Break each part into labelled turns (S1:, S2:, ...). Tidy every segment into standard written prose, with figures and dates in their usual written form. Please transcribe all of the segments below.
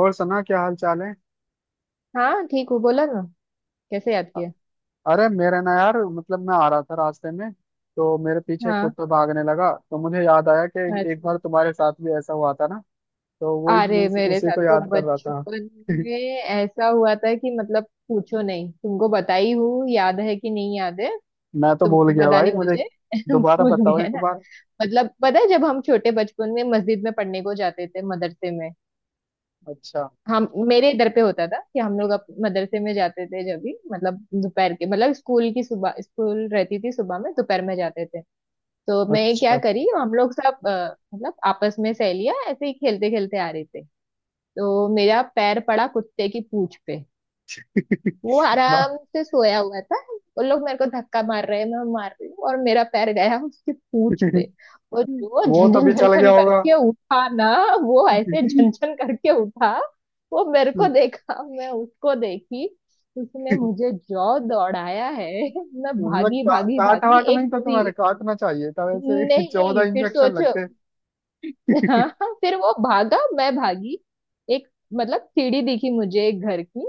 S1: और सना, क्या हाल चाल है।
S2: हाँ ठीक हूँ, बोला ना। कैसे याद
S1: अ-
S2: किया?
S1: अरे मेरा ना, यार मतलब मैं आ रहा था रास्ते में, तो मेरे पीछे
S2: हाँ।
S1: कुत्ता भागने लगा। तो मुझे याद आया कि
S2: अच्छा।
S1: एक बार तुम्हारे साथ भी ऐसा हुआ था ना। तो वही
S2: अरे मेरे
S1: उसी
S2: साथ
S1: को
S2: तो
S1: याद कर रहा था।
S2: बचपन में ऐसा हुआ था कि मतलब पूछो नहीं, तुमको बताई हूँ, याद है कि नहीं याद है?
S1: मैं तो
S2: तुम
S1: भूल गया
S2: पता
S1: भाई,
S2: नहीं
S1: मुझे
S2: मुझे
S1: दोबारा
S2: भूल
S1: बताओ
S2: गए
S1: एक
S2: ना।
S1: बार।
S2: मतलब पता है जब हम छोटे बचपन में मस्जिद में पढ़ने को जाते थे, मदरसे में।
S1: अच्छा,
S2: हम मेरे इधर पे होता था कि हम लोग अप मदरसे में जाते थे जब भी, मतलब दोपहर के, मतलब स्कूल की, सुबह स्कूल रहती थी, सुबह में, दोपहर में जाते थे। तो मैं क्या
S1: अच्छा।
S2: करी, हम लोग सब मतलब आपस में सहेलियां ऐसे ही खेलते खेलते आ रहे थे। तो मेरा पैर पड़ा कुत्ते की पूंछ पे। वो आराम से सोया हुआ था। वो लोग मेरे को धक्का मार रहे हैं, मैं मार रही हूँ, और मेरा पैर गया उसकी पूंछ पे। और जो
S1: वो तो
S2: झनझन
S1: भी चल गया
S2: झनझन
S1: होगा।
S2: करके उठा ना। वो ऐसे झनझन करके उठा। वो मेरे को
S1: मतलब
S2: देखा, मैं उसको देखी। उसने मुझे जो दौड़ाया है, मैं भागी भागी
S1: काट
S2: भागी
S1: वाट नहीं था तुम्हारे? काटना चाहिए था वैसे, चौदह
S2: नहीं, फिर
S1: इंजेक्शन
S2: सोचो।
S1: लगते।
S2: हाँ हाँ, फिर वो भागा, मैं भागी। एक, मतलब सीढ़ी दिखी मुझे एक घर की,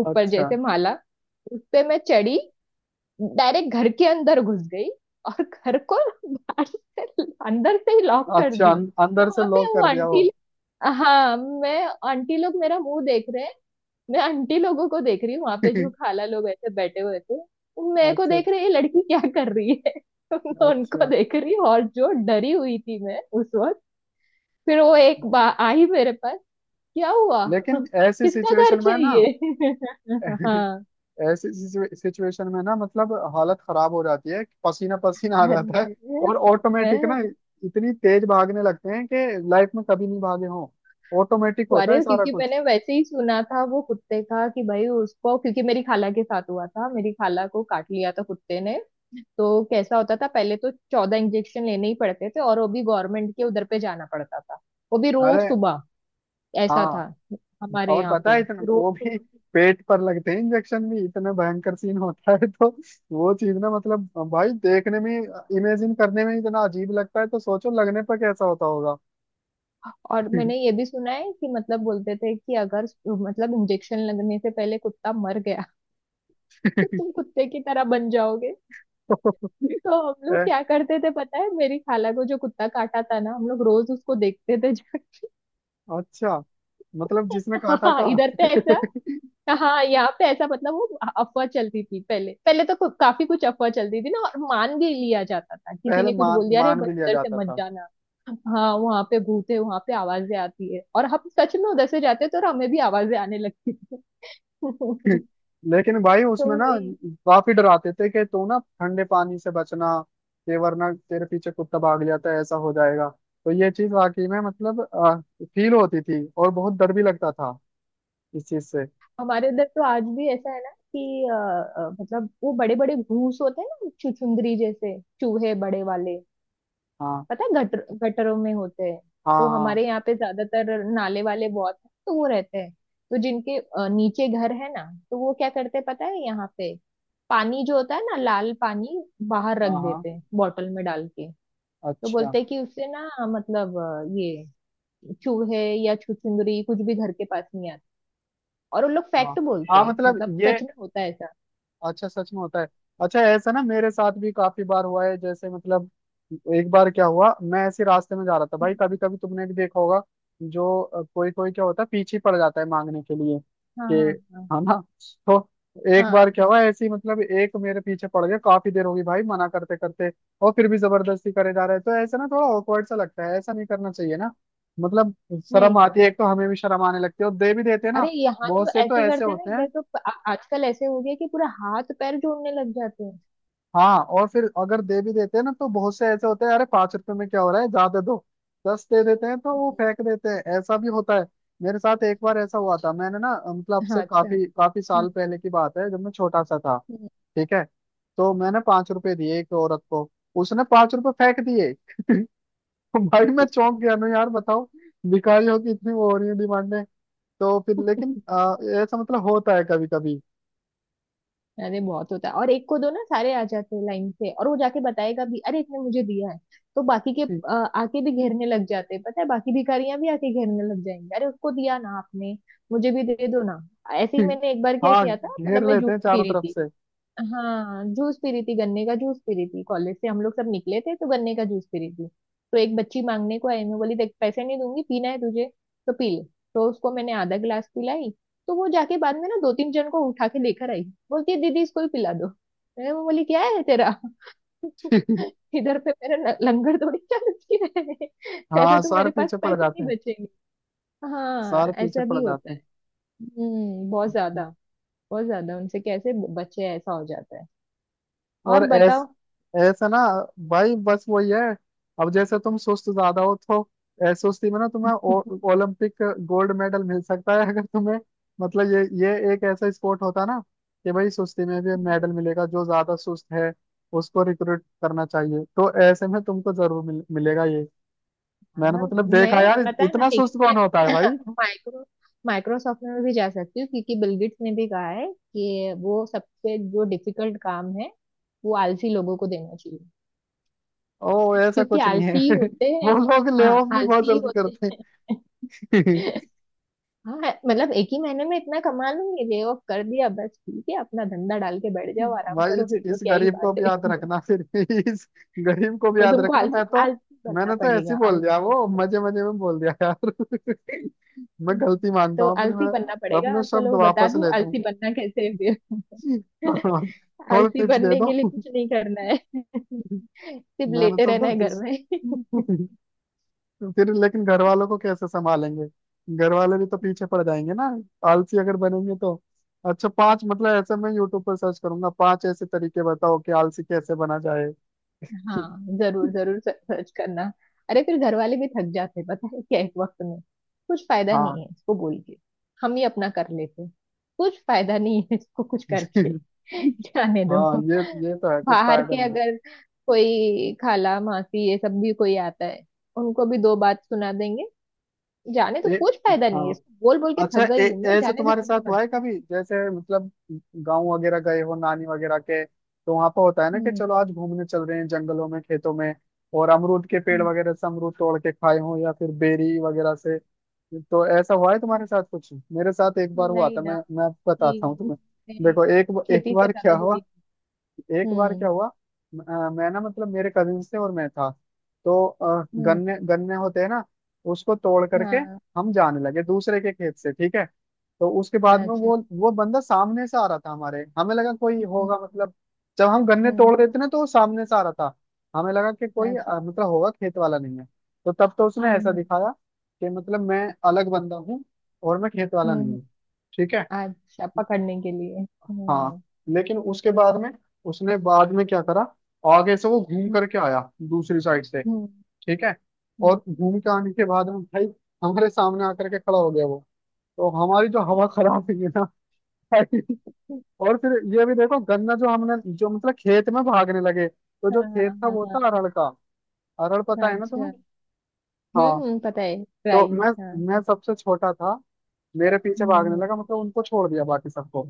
S2: ऊपर
S1: अच्छा,
S2: जैसे माला। उस पे मैं चढ़ी, डायरेक्ट घर के अंदर घुस गई। और घर को बाहर से, अंदर से ही लॉक कर
S1: अच्छा,
S2: दी।
S1: अंदर से
S2: वहां पे
S1: लॉक
S2: वो
S1: कर दिया वो।
S2: आंटी, हाँ मैं, आंटी लोग मेरा मुंह देख रहे हैं, मैं आंटी लोगों को देख रही हूँ, वहां पे जो खाला लोग ऐसे बैठे हुए थे। वो मेरे को
S1: अच्छा,
S2: देख रहे हैं, ये लड़की क्या कर रही है। मैं
S1: अच्छा,
S2: उनको
S1: अच्छा।
S2: देख रही हूँ, और जो डरी हुई थी मैं उस वक्त। फिर वो एक बा आई मेरे पास, क्या हुआ?
S1: लेकिन ऐसी
S2: किसका घर
S1: सिचुएशन में ना,
S2: चाहिए? हाँ।
S1: ऐसी सिचुएशन में ना, मतलब हालत खराब हो जाती है, पसीना पसीना आ जाता है।
S2: अरे
S1: और ऑटोमेटिक ना
S2: मैं।
S1: इतनी तेज भागने लगते हैं कि लाइफ में कभी नहीं भागे हों। ऑटोमेटिक होता
S2: अरे
S1: है सारा
S2: क्योंकि
S1: कुछ।
S2: मैंने वैसे ही सुना था वो कुत्ते का कि भाई उसको, क्योंकि मेरी खाला के साथ हुआ था, मेरी खाला को काट लिया था कुत्ते ने। तो कैसा होता था पहले, तो 14 इंजेक्शन लेने ही पड़ते थे, और वो भी गवर्नमेंट के उधर पे जाना पड़ता था। वो भी
S1: अरे
S2: रोज सुबह। ऐसा
S1: हाँ,
S2: था हमारे
S1: और
S2: यहाँ
S1: पता
S2: पे।
S1: है इतना वो
S2: रोज।
S1: भी पेट पर लगते हैं इंजेक्शन। भी इतना भयंकर सीन होता है तो वो चीज ना, मतलब भाई देखने में, इमेजिन करने में इतना अजीब लगता है, तो सोचो लगने पर कैसा होता होगा।
S2: और मैंने ये भी सुना है कि मतलब बोलते थे कि अगर मतलब इंजेक्शन लगने से पहले कुत्ता मर गया तो तुम कुत्ते की तरह बन जाओगे। तो हम लोग
S1: ए,
S2: क्या करते थे पता है, मेरी खाला को जो कुत्ता काटा था ना, हम लोग रोज उसको देखते थे जाके।
S1: अच्छा, मतलब जिसने काटा
S2: हाँ,
S1: था।
S2: इधर पे ऐसा। हाँ, यहाँ पे ऐसा मतलब वो अफवाह चलती थी, पहले पहले तो काफी कुछ अफवाह चलती थी ना, और मान भी लिया जाता था। किसी
S1: पहले
S2: ने कुछ
S1: मान
S2: बोल दिया अरे
S1: मान
S2: बस
S1: भी लिया
S2: इधर से
S1: जाता
S2: मत
S1: था।
S2: जाना, हाँ वहां पे भूत है, वहां पे आवाजें आती है, और हम सच में उधर से जाते तो और हमें भी आवाजें आने लगती थी। तो
S1: लेकिन भाई उसमें ना
S2: वही।
S1: काफी डराते थे कि तू ना ठंडे पानी से बचना, ये, वरना तेरे पीछे कुत्ता भाग जाता है, ऐसा हो जाएगा। तो ये चीज वाकई में मतलब फील होती थी, और बहुत डर भी लगता था इस चीज से।
S2: हमारे इधर तो आज भी ऐसा है ना कि मतलब वो बड़े बड़े घूस होते हैं ना, छुछुंदरी जैसे चूहे बड़े वाले,
S1: हाँ,
S2: पता है, गटर गटरों में होते हैं।
S1: हाँ,
S2: तो
S1: हाँ,
S2: हमारे यहाँ पे ज्यादातर नाले वाले बहुत हैं, तो वो रहते हैं। तो जिनके नीचे घर है ना, तो वो क्या करते हैं पता है, यहाँ पे पानी जो होता है ना, लाल पानी, बाहर रख
S1: हाँ, हाँ,
S2: देते हैं बॉटल में डाल के। तो
S1: अच्छा।
S2: बोलते हैं कि उससे ना, मतलब ये चूहे या छुछुंदरी कुछ भी घर के पास नहीं आते। और उन लोग
S1: हाँ,
S2: फैक्ट बोलते
S1: हाँ,
S2: हैं,
S1: मतलब
S2: मतलब
S1: ये,
S2: सच में होता है ऐसा।
S1: अच्छा सच में होता है। अच्छा, ऐसा ना मेरे साथ भी काफी बार हुआ है। जैसे मतलब एक बार क्या हुआ, मैं ऐसे रास्ते में जा रहा था भाई, कभी कभी तुमने भी देखा होगा, जो कोई कोई क्या होता है, पीछे पड़ जाता है मांगने के लिए
S2: हाँ
S1: कि,
S2: हाँ हाँ
S1: हाँ ना। तो एक
S2: हाँ।
S1: बार क्या हुआ, ऐसे ही मतलब एक मेरे पीछे पड़ गया, काफी देर होगी भाई मना करते करते, और फिर भी जबरदस्ती करे जा रहे हैं। तो ऐसा ना थोड़ा ऑकवर्ड सा लगता है, ऐसा नहीं करना चाहिए ना। मतलब शर्म
S2: नहीं।
S1: आती है, एक तो हमें भी शर्म आने लगती है और दे भी देते हैं ना।
S2: अरे यहाँ तो
S1: बहुत से तो
S2: ऐसे
S1: ऐसे
S2: करते हैं ना,
S1: होते हैं।
S2: इधर तो आजकल ऐसे हो गया कि पूरा हाथ पैर जोड़ने लग जाते हैं।
S1: हाँ, और फिर अगर दे भी देते हैं ना तो बहुत से ऐसे होते हैं, अरे 5 रुपए में क्या हो रहा है, ज्यादा दो। दस दे देते हैं तो वो
S2: हम्म,
S1: फेंक देते हैं, ऐसा भी होता है। मेरे साथ एक बार ऐसा हुआ था, मैंने ना मतलब
S2: हाँ।
S1: से
S2: अच्छा।
S1: काफी काफी
S2: हाँ।
S1: साल पहले की बात है, जब मैं छोटा सा था।
S2: हम्म,
S1: ठीक है, तो मैंने 5 रुपए दिए एक औरत को, उसने 5 रुपए फेंक दिए। भाई मैं चौंक गया ना, यार बताओ, भिखारियों की इतनी वो हो रही है डिमांडें। तो फिर लेकिन ऐसा मतलब होता है कभी कभी।
S2: अरे बहुत होता है, और एक को दो ना, सारे आ जाते हैं लाइन से और वो जाके बताएगा भी, अरे इसने मुझे दिया है। तो बाकी के आके भी घेरने लग जाते हैं। पता है बाकी भिखारियां भी आके घेरने लग जाएंगी, अरे उसको दिया ना आपने, मुझे भी दे दो ना। ऐसे ही मैंने एक बार क्या
S1: हाँ,
S2: किया था,
S1: घेर
S2: मतलब मैं
S1: लेते
S2: जूस
S1: हैं
S2: पी
S1: चारों
S2: रही
S1: तरफ
S2: थी।
S1: से।
S2: हाँ जूस पी रही थी, गन्ने का जूस पी रही थी, कॉलेज से हम लोग सब निकले थे, तो गन्ने का जूस पी रही थी। तो एक बच्ची मांगने को आई, मैं बोली देख पैसे नहीं दूंगी, पीना है तुझे तो पी ले। तो उसको मैंने आधा गिलास पिलाई। तो वो जाके बाद में ना दो तीन जन को उठा के लेकर आई, बोलती है दीदी इसको ही पिला दो। मैं बोली क्या है तेरा। इधर पे मेरा लंगर थोड़ी चलती है, ऐसे
S1: हाँ,
S2: तो
S1: सारे
S2: मेरे पास
S1: पीछे पड़
S2: पैसे
S1: जाते
S2: नहीं
S1: हैं।
S2: बचेंगे। हाँ,
S1: सारे पीछे
S2: ऐसा
S1: पड़
S2: भी होता
S1: जाते
S2: है।
S1: हैं।
S2: हम्म, बहुत ज्यादा। बहुत ज्यादा, उनसे कैसे बचे, ऐसा हो जाता है।
S1: और
S2: और
S1: ऐस
S2: बताओ।
S1: ऐसा ना भाई, बस वही है। अब जैसे तुम सुस्त ज्यादा हो तो सुस्ती में ना तुम्हें ओलंपिक गोल्ड मेडल मिल सकता है। अगर तुम्हें, मतलब ये एक ऐसा स्पोर्ट होता ना, कि भाई सुस्ती में भी मेडल मिलेगा, जो ज्यादा सुस्त है उसको रिक्रूट करना चाहिए, तो ऐसे में तुमको जरूर मिलेगा ये। मैंने
S2: हाँ,
S1: मतलब देखा
S2: मैं
S1: यार,
S2: पता है ना,
S1: इतना सुस्त
S2: लेकिन मैं
S1: कौन होता है भाई।
S2: माइक्रो माइक्रोसॉफ्ट में भी जा सकती हूँ, क्योंकि बिल गेट्स ने भी कहा है कि वो सबसे जो डिफिकल्ट काम है वो आलसी लोगों को देना चाहिए,
S1: ओ, ऐसा
S2: क्योंकि
S1: कुछ नहीं है।
S2: आलसी ही होते
S1: वो
S2: हैं।
S1: लोग ले ऑफ
S2: हाँ,
S1: भी बहुत
S2: आलसी ही
S1: जल्दी
S2: होते
S1: करते हैं।
S2: हैं। हाँ, मतलब एक ही महीने में इतना कमा लूंगी, ले ऑफ कर दिया बस, ठीक है, अपना धंधा डाल के बैठ जाओ, आराम
S1: भाई
S2: करो,
S1: इस
S2: फिर तो
S1: इस
S2: क्या ही
S1: गरीब को
S2: बात
S1: भी याद
S2: है।
S1: रखना फिर, इस गरीब को भी
S2: तो
S1: याद
S2: तुमको
S1: रखना।
S2: आलसी
S1: मैं तो,
S2: आलसी बनना
S1: मैंने तो ऐसे
S2: पड़ेगा,
S1: ही बोल दिया
S2: आलसी बनना।
S1: वो, मजे मजे में बोल दिया यार। मैं
S2: हम्म।
S1: गलती मानता
S2: तो
S1: हूँ अपनी,
S2: आलसी
S1: मैं
S2: बनना
S1: अपने
S2: पड़ेगा,
S1: शब्द
S2: चलो बता
S1: वापस
S2: दूं
S1: लेता हूँ।
S2: आलसी बनना कैसे है। फिर
S1: थोड़ा
S2: आलसी
S1: टिप्स दे
S2: बनने
S1: दो।
S2: के लिए कुछ नहीं करना है, सिर्फ
S1: मैंने
S2: लेटे
S1: तो
S2: रहना है
S1: गलती
S2: घर में।
S1: से- फिर लेकिन घर वालों को कैसे संभालेंगे, घर वाले भी तो पीछे पड़ जाएंगे ना आलसी अगर बनेंगे तो। अच्छा, पांच मतलब ऐसे मैं यूट्यूब पर सर्च करूंगा, पांच ऐसे तरीके बताओ कि आलसी कैसे बना जाए।
S2: हाँ जरूर जरूर सर्च करना। अरे फिर घर वाले भी थक जाते हैं, पता है क्या एक वक्त में, कुछ फायदा नहीं
S1: हाँ,
S2: है इसको बोल के, हम ही अपना कर लेते हैं। कुछ फायदा नहीं है इसको कुछ करके। जाने दो।
S1: हाँ ये तो है कुछ
S2: बाहर
S1: फायदा
S2: के
S1: नहीं।
S2: अगर कोई खाला मासी ये सब भी कोई आता है, उनको भी दो बात सुना देंगे। जाने तो
S1: ए,
S2: कुछ फायदा नहीं है
S1: हाँ,
S2: इसको, बोल बोल के
S1: अच्छा।
S2: थक गई
S1: ए,
S2: हूँ मैं,
S1: ऐसे
S2: जाने दे
S1: तुम्हारे
S2: तू भी
S1: साथ हुआ
S2: मत।
S1: है कभी, जैसे मतलब गांव वगैरह गए हो नानी वगैरह के, तो वहां पर होता है ना कि
S2: हम्म
S1: चलो आज घूमने चल रहे हैं जंगलों में, खेतों में, और अमरूद के पेड़
S2: हम्म।
S1: वगैरह से अमरूद तोड़ के खाए हो या फिर बेरी वगैरह से। तो ऐसा हुआ है तुम्हारे साथ कुछ? मेरे साथ एक बार हुआ
S2: नहीं
S1: था, मैं
S2: ना।
S1: मैं आपको
S2: कि
S1: बताता हूँ तुम्हें।
S2: मैं
S1: देखो एक, एक
S2: खेती से
S1: बार क्या
S2: ज्यादा
S1: हुआ,
S2: जुड़ी
S1: एक
S2: हूँ।
S1: बार क्या हुआ, मैं ना मतलब मेरे कजिन थे और मैं था, तो
S2: हूँ।
S1: गन्ने गन्ने होते हैं ना, उसको तोड़ करके
S2: हाँ
S1: हम जाने लगे दूसरे के खेत से, ठीक है। तो उसके बाद में
S2: अच्छा।
S1: वो बंदा सामने से आ रहा था। हमारे, हमें लगा कोई
S2: हम्म
S1: होगा, मतलब जब हम गन्ने
S2: हम्म।
S1: तोड़ रहे थे ना, तो वो सामने से आ रहा था। हमें लगा कि कोई
S2: अच्छा।
S1: अ, मतलब होगा, खेत वाला नहीं है। तो तब तो उसने
S2: हम्म
S1: ऐसा
S2: हम्म
S1: दिखाया कि, मतलब मैं अलग बंदा हूँ और मैं खेत वाला नहीं
S2: हम्म,
S1: हूँ, ठीक है।
S2: अच्छा, पकड़ने के लिए।
S1: हाँ, लेकिन उसके बाद में, उसने बाद में क्या करा, आगे से वो घूम
S2: हम्म
S1: करके आया दूसरी साइड से,
S2: हम्म
S1: ठीक है।
S2: हम्म,
S1: और घूम के आने के बाद में भाई हमारे सामने आकर के खड़ा हो गया वो। तो हमारी जो हवा खराब हुई है ना भाई। और फिर ये भी देखो, गन्ना जो हमने जो मतलब, खेत में भागने लगे, तो
S2: हाँ
S1: जो खेत था
S2: हाँ
S1: वो
S2: हाँ
S1: था अरहर का। अरहर पता
S2: हाँ।
S1: है ना तुम्हें?
S2: अच्छा।
S1: हाँ।
S2: पता है
S1: तो
S2: ट्राई।
S1: मैं
S2: हाँ
S1: मैं सबसे छोटा था, मेरे पीछे भागने
S2: हम्म
S1: लगा, मतलब उनको छोड़ दिया बाकी सबको।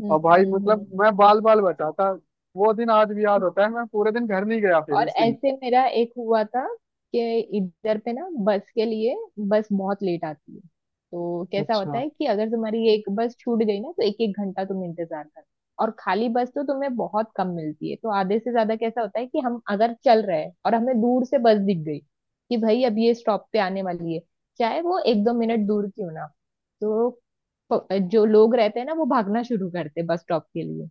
S2: हम्म
S1: और भाई
S2: हम्म हम्म
S1: मतलब
S2: हम्म, हम्म।
S1: मैं बाल बाल बचाता, वो दिन आज भी याद होता है, मैं पूरे दिन घर नहीं गया फिर
S2: और
S1: उस दिन।
S2: ऐसे मेरा एक हुआ था कि इधर पे ना बस के लिए, बस बहुत लेट आती है। तो कैसा होता
S1: अच्छा,
S2: है कि अगर तुम्हारी एक बस छूट गई ना तो एक एक घंटा तुम इंतजार कर। और खाली बस तो तुम्हें बहुत कम मिलती है, तो आधे से ज्यादा कैसा होता है कि हम अगर चल रहे हैं और हमें दूर से बस दिख गई, कि भाई अब ये स्टॉप पे आने वाली है, चाहे वो एक दो मिनट दूर क्यों ना हो, तो जो लोग रहते हैं ना वो भागना शुरू करते बस स्टॉप के लिए।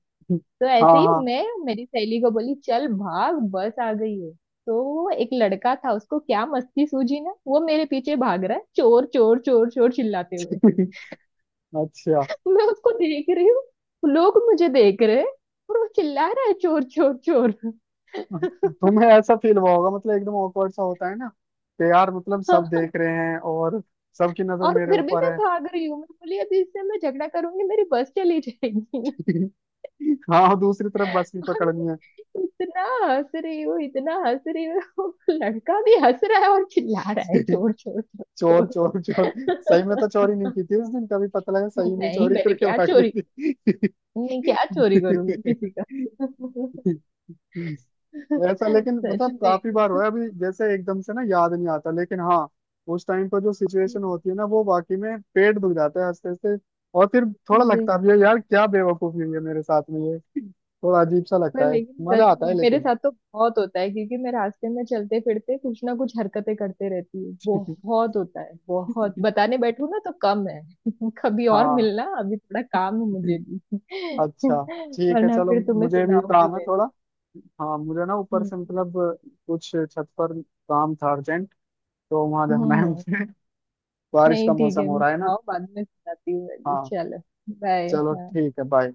S2: तो
S1: हाँ,
S2: ऐसे ही
S1: हाँ,
S2: मैं मेरी सहेली को बोली चल भाग बस आ गई है। तो वो एक लड़का था, उसको क्या मस्ती सूझी ना, वो मेरे पीछे भाग रहा है चोर चोर चोर चोर चिल्लाते हुए।
S1: अच्छा।
S2: मैं उसको देख रही हूँ, लोग मुझे देख रहे हैं, और वो चिल्ला रहा है चोर चोर चोर।
S1: तुम्हें ऐसा फील हुआ होगा, मतलब एकदम awkward सा होता है ना, कि यार मतलब सब देख रहे हैं और सबकी नजर
S2: और
S1: मेरे
S2: फिर भी
S1: ऊपर
S2: मैं
S1: है।
S2: भाग रही हूँ, मैं बोली अभी इससे मैं झगड़ा करूंगी मेरी बस चली जाएगी।
S1: हाँ, और दूसरी तरफ बस भी
S2: अरे,
S1: पकड़नी है।
S2: इतना हंस रही हूँ, इतना हंस रही हूँ। लड़का भी हंस रहा है और चिल्ला रहा है चोर चोर चोर
S1: चोर चोर चोर, सही में तो
S2: चोर।
S1: चोरी नहीं की थी उस दिन, कभी पता लगा सही में
S2: नहीं,
S1: चोरी
S2: मैंने
S1: करके
S2: क्या
S1: भाग
S2: चोरी,
S1: रही
S2: मैं क्या चोरी करूंगी किसी का।
S1: थी। हम्म। ऐसा लेकिन
S2: सच
S1: मतलब
S2: में।
S1: काफी बार हुआ है, अभी जैसे एकदम से ना याद नहीं आता, लेकिन हाँ उस टाइम पर जो सिचुएशन होती है ना, वो वाकई में पेट दुख जाता है हंसते हंसते। और फिर थोड़ा
S2: अरे
S1: लगता भी है यार क्या बेवकूफी हुई है मेरे साथ में ये, थोड़ा अजीब सा
S2: पर
S1: लगता है।
S2: लेकिन
S1: मजा
S2: सच
S1: आता
S2: में
S1: है
S2: मेरे
S1: लेकिन।
S2: साथ तो बहुत होता है, क्योंकि मैं रास्ते में चलते फिरते कुछ ना कुछ हरकतें करते रहती हूँ, बहुत होता है, बहुत बताने बैठू ना तो कम है। कभी और
S1: हाँ,
S2: मिलना, अभी थोड़ा काम है मुझे भी।
S1: अच्छा, ठीक है
S2: वरना
S1: चलो,
S2: फिर तुम्हें
S1: मुझे भी
S2: सुनाऊंगी
S1: काम है
S2: मैं।
S1: थोड़ा। हाँ मुझे ना ऊपर
S2: हम्म
S1: से मतलब कुछ छत पर काम था अर्जेंट, तो वहां
S2: हम्म,
S1: जाना है
S2: हम्म।
S1: मुझे। बारिश का
S2: नहीं ठीक
S1: मौसम
S2: है।
S1: हो रहा है ना।
S2: आओ बाद में सुनाती हूँ मैं भी।
S1: हाँ
S2: चलो।
S1: चलो,
S2: बाय।
S1: ठीक है, बाय।